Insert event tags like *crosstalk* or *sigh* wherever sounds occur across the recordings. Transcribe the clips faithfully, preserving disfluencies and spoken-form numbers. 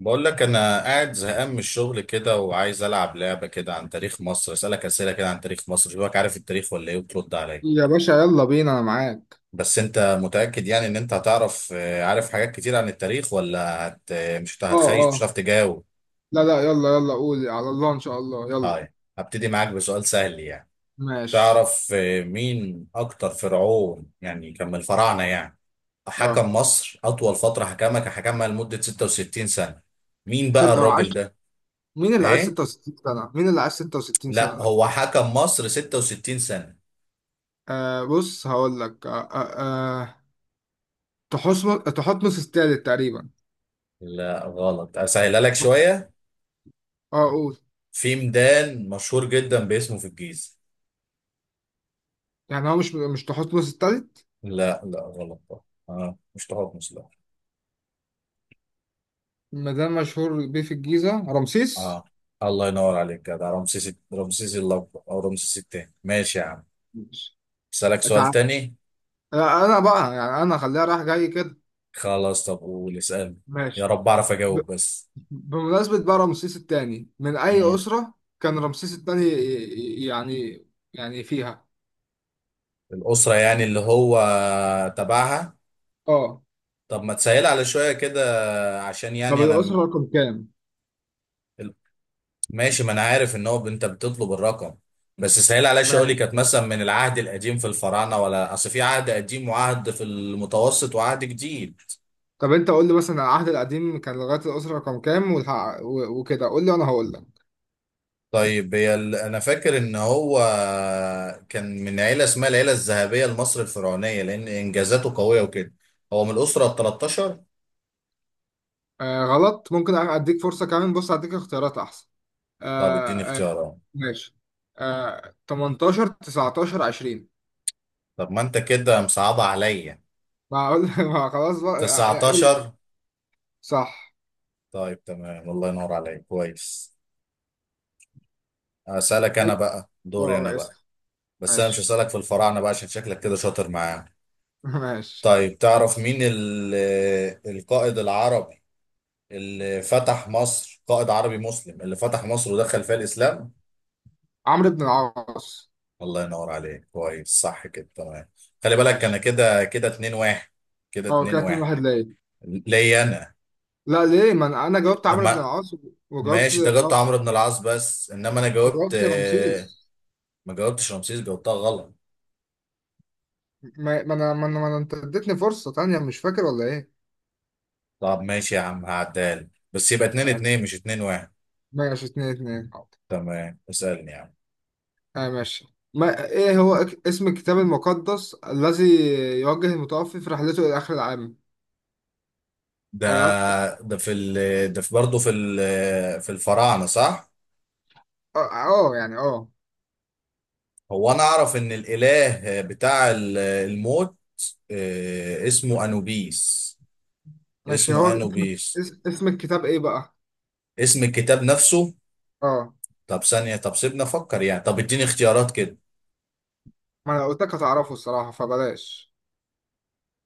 بقول لك انا قاعد زهقان من الشغل كده، وعايز العب لعبه كده عن تاريخ مصر، اسالك اسئله كده عن تاريخ مصر، شوفك عارف التاريخ ولا ايه، وترد عليا. يا باشا، يلا بينا انا معاك. بس انت متاكد يعني ان انت هتعرف؟ آه، عارف حاجات كتير عن التاريخ، ولا هت آه، مش هت- اه، هتخيش، مش اه. هتعرف تجاوب؟ لا لا، يلا يلا، قول على الله. ان شاء الله، يلا. طيب هبتدي معاك بسؤال سهل يعني. ماشي. تعرف آه، مين اكتر فرعون يعني كان من الفراعنه يعني اه، حكم مصر اطول فتره، حكمها كان حكمها لمده ستة وستين سنه؟ مين بقى ستة الراجل وعشرة. ده؟ مين اللي عايز ايه؟ ستة وستين سنة؟ مين اللي عايز ستة وستين لا، سنة ده؟ هو حكم مصر ستة وستين سنة. آه، بص هقول لك. آه آه آه، تحتمس تحتمس التالت تقريبا. لا، غلط. اسهلها لك شوية. اه، قول. في ميدان مشهور جدا باسمه في الجيزة. يعني هو مش مش تحتمس التالت. لا، لا، غلط بقى. اه، مش تحتمس، لا. مدام مشهور بيه في الجيزة، رمسيس. اه، الله ينور عليك كده. رمسيس، رمسيس الاكبر او رمسيس التاني. ماشي يا عم. ماشي. اسالك سؤال تعال. تاني. آه، انا بقى، يعني انا خليها رايح جاي كده. خلاص، طب قول، اسالني. يا ماشي. رب اعرف اجاوب بس. بمناسبة بقى رمسيس الثاني من أي مم. أسرة كان رمسيس الثاني يعني يعني فيها؟ الاسرة يعني اللي هو تبعها. اه. طب ما تسهل على شوية كده، عشان طب يعني الأسرة انا. رقم كام؟ ماشي، ما انا عارف ان هو انت بتطلب الرقم. بس سهل عليا. شغلي ماشي. كانت مثلا من العهد القديم في الفراعنه، ولا اصل في عهد قديم وعهد في المتوسط وعهد جديد. طب أنت قول لي مثلا، العهد القديم كان لغاية الأسرة رقم كام والح- و- وكده، قول لي وأنا هقول لك. طيب هي ال- انا فاكر ان هو كان من عيله اسمها العيله الذهبيه لمصر الفرعونيه، لان انجازاته قويه وكده. هو من الاسره ال تلتاشر. آه، غلط. ممكن أديك فرصة كمان. بص أديك اختيارات أحسن. طب اديني آه آه اختيارات. ماشي. آه، تمنتاشر، تسعتاشر، عشرين. طب ما انت كده مصعبه عليا. ما أقول *laughs* ما خلاص بقى يا- يا- تسعة عشر. صح. طيب تمام، الله ينور عليك كويس. اسالك إيه؟ انا بقى، دوري اه. انا آه، بقى. اسف. بس انا مش ماشي هسألك في الفراعنة بقى، عشان شكلك كده شاطر معاه. *laughs* ماشي. طيب تعرف مين ال- القائد العربي اللي فتح مصر، قائد عربي مسلم اللي فتح مصر ودخل فيها الاسلام؟ عمرو بن العاص. الله ينور عليك، كويس، صح كده، تمام. خلي بالك، انا ماشي. كده كده اتنين واحد، كده اه 2 كده 2 1 1 ليه؟ ليا انا. لا ليه؟ ما انا أنا جاوبت عمرو بن ما، العاص، وجاوبت. ماشي، ده جبت اه، عمرو بن العاص، بس انما انا جاوبت. وجاوبت آه، رمسيس. ما جاوبتش رمسيس، جاوبتها غلط. ما ما انا ما انا ما أنا- انت اديتني فرصة تانية، مش فاكر ولا ايه؟ طب ماشي يا عم، هعدال بس يبقى 2 يعني 2 مش اتنين واحد. ماشي، اتنين اتنين، حاضر. تمام، اسألني يا عم. اه ماشي. ما ايه هو اك- اسم الكتاب المقدس الذي يوجه المتوفي في رحلته الى اخر العالم؟ ده الع- ده في ال ده في برضه في ال في الفراعنة، صح؟ اه. آه، يعني اه. هو أنا أعرف إن الإله بتاع ال- الموت، آه، اسمه أنوبيس. ماشي، هو اسمه اسم أنوبيس. اس- اسم الكتاب ايه بقى؟ اسم الكتاب نفسه. اه. طب ثانية، طب سيبنا أفكر يعني، طب إديني اختيارات كده. ما انا قلت لك هتعرفه الصراحة، فبلاش.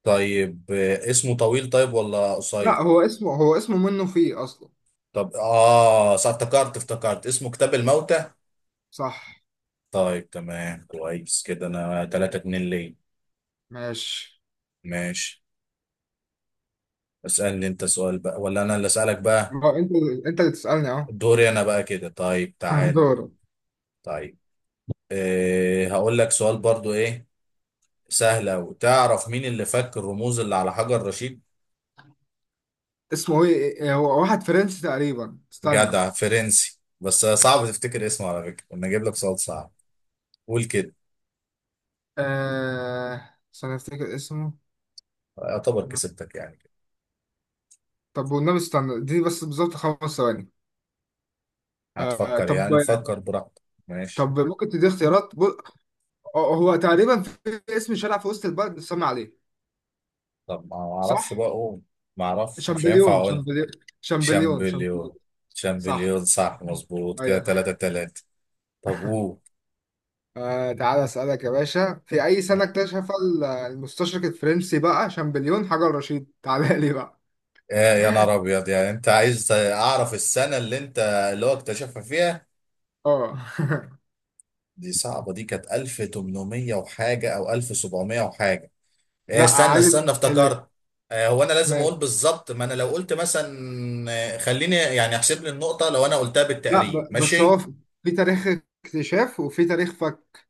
طيب، آه، اسمه طويل طيب ولا قصير؟ لا، هو اسمه هو اسمه منه فيه اصلا. طب، آه، صح، افتكرت افتكرت اسمه كتاب الموتى. صح. طيب تمام، كويس كده، أنا تلاتة اتنين ليه، ماشي. ماشي. اسألني أنت سؤال بقى، ولا أنا اللي أسألك بقى؟ اه. انت انت اللي تسألني اهو *laughs* دوري انا بقى كده. طيب، اه، تعال. دور. طيب، إيه، هقول لك سؤال برضو ايه. سهل اوي. تعرف مين اللي فك الرموز اللي على حجر رشيد؟ اسمه ايه؟ إيه هو، واحد فرنسي تقريبا، استنى. جدع فرنسي بس صعب تفتكر اسمه. على فكرة انا اجيب لك سؤال صعب. قول كده. آه، استنى افتكر اسمه. يعتبر كسبتك يعني كده. طب والنبي استنى دي بس بالظبط خمس ثواني. آه هتفكر طب. يعني، فكر براحتك. ماشي. طب ممكن تدي اختيارات بو- هو هو تقريبا في اسم شارع في وسط البلد بتسمى عليه. طب ما اعرفش صح. بقى اقول. ما اعرفش، مش هينفع شامبليون، اقول. شامبليون، شامبليون، شامبليون. شامبليون، صح، شامبليون، صح مظبوط كده، ايوه. تلاتة تلاتة. طب قول. آه، تعالى اسالك يا باشا، في اي سنه اكتشف ال- المستشرق الفرنسي بقى شامبليون حجر رشيد؟ تعالى لي بقى. يا يا نهار ابيض، يعني انت عايز اعرف السنه اللي انت اللي هو اكتشفها فيها. اه *laughs* دي صعبه، دي كانت ألف وتمنمية وحاجه او ألف وسبعمية وحاجه. لا إيه، استنى عادي، استنى، اللي. افتكرت. آه، هو انا لازم اقول ماشي. بالظبط، ما انا لو قلت مثلا. آه، خليني يعني احسب لي النقطه لو انا قلتها لا، بالتقريب، ب... بس هو ماشي؟ في في تاريخ اكتشاف وفي تاريخ فك.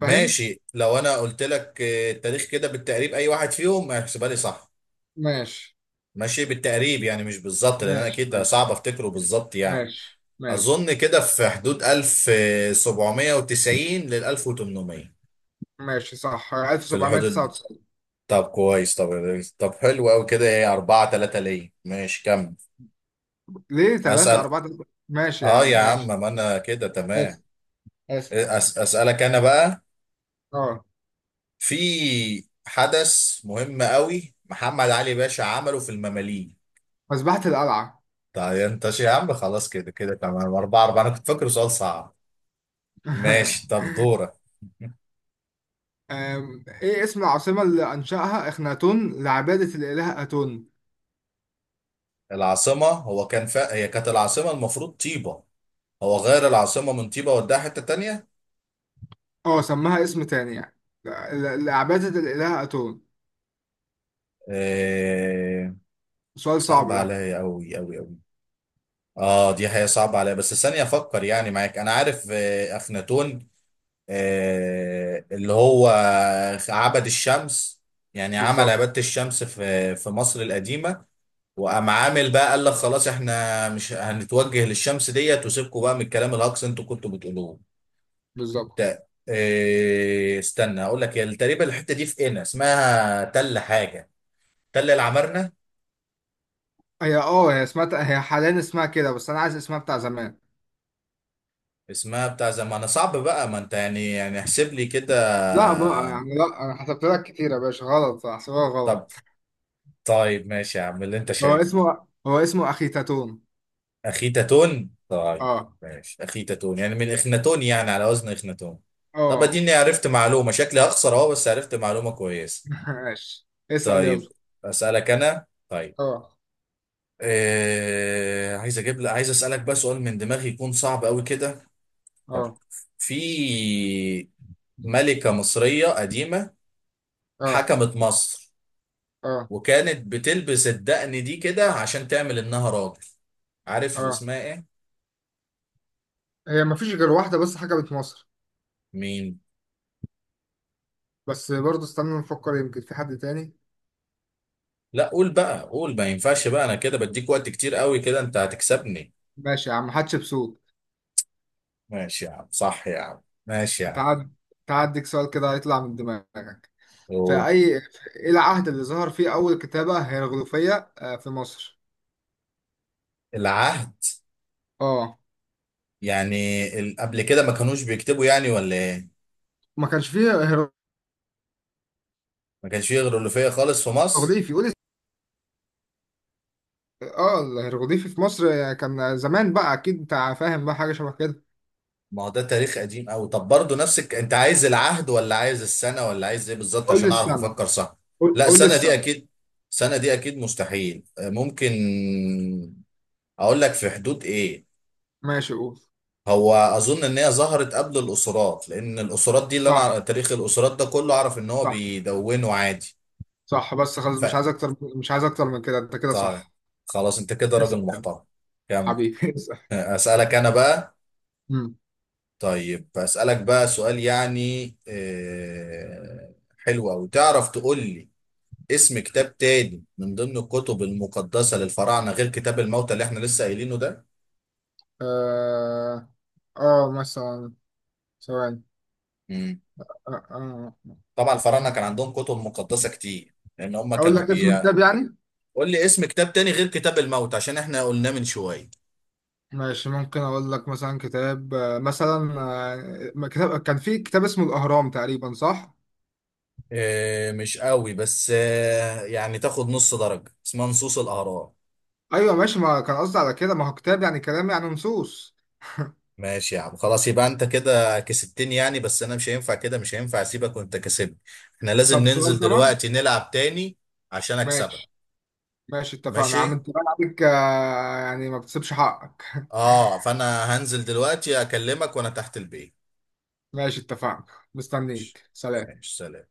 فاهم. ماشي، لو انا قلت لك آه، التاريخ كده بالتقريب، اي واحد فيهم هيحسبها لي، صح؟ ماشي ماشي، بالتقريب يعني مش بالظبط، لان انا ماشي اكيد ماشي، صعب افتكره بالظبط يعني. ماشي ماشي اظن كده في حدود ألف وسبعمائة وتسعين لل ألف وتمنمية، ماشي. صح، في الحدود دي. ألف سبعمية تسعة وتسعين. طب كويس، طب طب حلو قوي كده، ايه اربعة تلاتة ليه، ماشي كمل. ليه 3 اسال. 4 ماشي يا اه يا عم عم، ماشي. ما انا كده تمام. اسف، اسف. أس... اسالك انا بقى. اه، في حدث مهم قوي محمد علي باشا عمله في المماليك. مذبحة القلعة. طيب انت شي يا عم، خلاص كده كده تمام، اربعة اربعة، انا كنت فاكره سؤال صعب. ماشي، *laughs* طب دورك. *laughs* أم، ايه اسم العاصمة اللي أنشأها إخناتون لعبادة الإله أتون؟ العاصمة، هو كان فا... هي كانت العاصمة المفروض طيبة. هو غير العاصمة من طيبة وداها حتة تانية. اه، سماها اسم تاني يعني، ل- ل- لعبادة الإله أتون. آه، سؤال صعب صعب ده. عليا أوي أوي أوي. اه، دي حقيقة صعبة عليا، بس ثانية أفكر يعني معاك. أنا عارف، آه أخناتون. آه، اللي هو عبد الشمس، يعني عمل بالظبط، عبادة الشمس في في مصر القديمة. وقام عامل بقى، قال لك خلاص احنا مش هنتوجه للشمس ديت، وسيبكم بقى من الكلام الهجص انتوا كنتوا بتقولوه. بالظبط. ده، آه استنى اقول لك. تقريبا الحته دي في قنا اسمها تل حاجه. ده اللي عمرنا. هي اه هي اسمها، هي حاليا اسمها كده، بس انا عايز اسمها بتاع زمان. اسمها بتاع زمان صعب بقى، ما انت يعني يعني احسب لي كده. لا بقى، يعني لا، انا حسبت لك كتير يا باشا غلط، احسبها طب، غلط. طيب ماشي يا عم اللي انت هو شايفه. اسمه هو اسمه اخي تاتون. اخيتاتون، طيب. اه. ماشي، اخيتاتون يعني من اخناتون، يعني على وزن اخناتون. طب اه اديني، عرفت معلومة. شكلي هخسر اهو، بس عرفت معلومة كويسة. *laughs* ماشي، اسأل يلا. طيب، اسألك انا طيب. اه، إيه... عايز اجيب لك عايز اسألك بقى سؤال من دماغي يكون صعب قوي كده. طيب، اه، في ملكة مصرية قديمة اه، حكمت مصر، اه، وكانت بتلبس الدقن دي كده عشان تعمل انها راجل. عارف اه. اسمها ايه؟ هي مفيش غير واحدة بس حكمت مصر، مين؟ بس برضه استنى نفكر يمكن في حد تاني. لا قول بقى قول، ما ينفعش بقى، انا كده بديك وقت كتير قوي كده، انت هتكسبني. ماشي يا عم، حتشبسوت. ماشي يا عم، صح يا عم، ماشي يا عم. تعد تعديك سؤال كده هيطلع من دماغك. في أوه. أي في إيه العهد اللي ظهر فيه أول كتابة هيروغليفية آه، في مصر؟ العهد؟ اه، يعني ال- قبل كده ما كانوش بيكتبوا يعني، ولا ايه؟ ما كانش فيه ما كانش فيه غيرولوفية خالص في مصر. هيروغليفي. قول لي- اه، الهيروغليفي في مصر كان زمان بقى اكيد، انت فاهم بقى حاجه شبه كده. ما هو ده تاريخ قديم قوي، طب برضه نفسك انت عايز العهد ولا عايز السنه ولا عايز ايه بالظبط، قول لي عشان اعرف السنه. افكر صح؟ قول لا، قول لي السنه دي السنه. اكيد. السنه دي اكيد مستحيل. آه، ممكن اقول لك في حدود ايه؟ ماشي، قول. هو اظن ان هي ظهرت قبل الاسرات، لان الاسرات دي اللي صح، انا أعرف- تاريخ الاسرات ده كله اعرف ان هو صح، بيدونه عادي. صح. بس خلاص، مش عايز ف اكتر، مش عايز اكتر من كده، انت كده طيب، صح. خلاص انت كده اسال راجل يلا. محترم. كمل. حبيبي *laughs* اسال. *laughs* اسالك انا بقى. امم طيب أسألك بقى سؤال يعني آه، حلو أوي. تعرف تقول لي اسم كتاب تاني من ضمن الكتب المقدسة للفراعنة، غير كتاب الموتى اللي احنا لسه قايلينه ده؟ اه. آه، مثلا، ثواني. مم. آه. طبعا الفراعنة آه. كان عندهم كتب مقدسة كتير، لأن هم اقول كانوا لك اسم بي كتاب يعني. قول لي اسم كتاب تاني غير كتاب الموتى عشان احنا قلناه من شوية. ماشي، ممكن اقول لك مثلا كتاب. آه، مثلا. آه، كتاب كان في كتاب اسمه الاهرام تقريبا، صح؟ آه، مش قوي بس آه، يعني تاخد نص درجة، اسمها نصوص الأهرام. ايوه ماشي، ما كان قصدي على كده. ما هو كتاب يعني كلام، يعني نصوص. ماشي يا عم، خلاص يبقى انت كده كسبتني يعني، بس انا مش هينفع كده مش هينفع اسيبك وانت كسبني. احنا لازم طب سؤال ننزل كمان. دلوقتي نلعب تاني. عشان اكسبك. ماشي ماشي. اتفقنا يا عم، ماشي. انت بقى عليك، آه، يعني ما بتسيبش حقك *laughs* اه، فانا هنزل دلوقتي اكلمك وانا تحت البيت. ماشي، اتفقنا. ماشي، مستنيك، سلام. ماشي، سلام.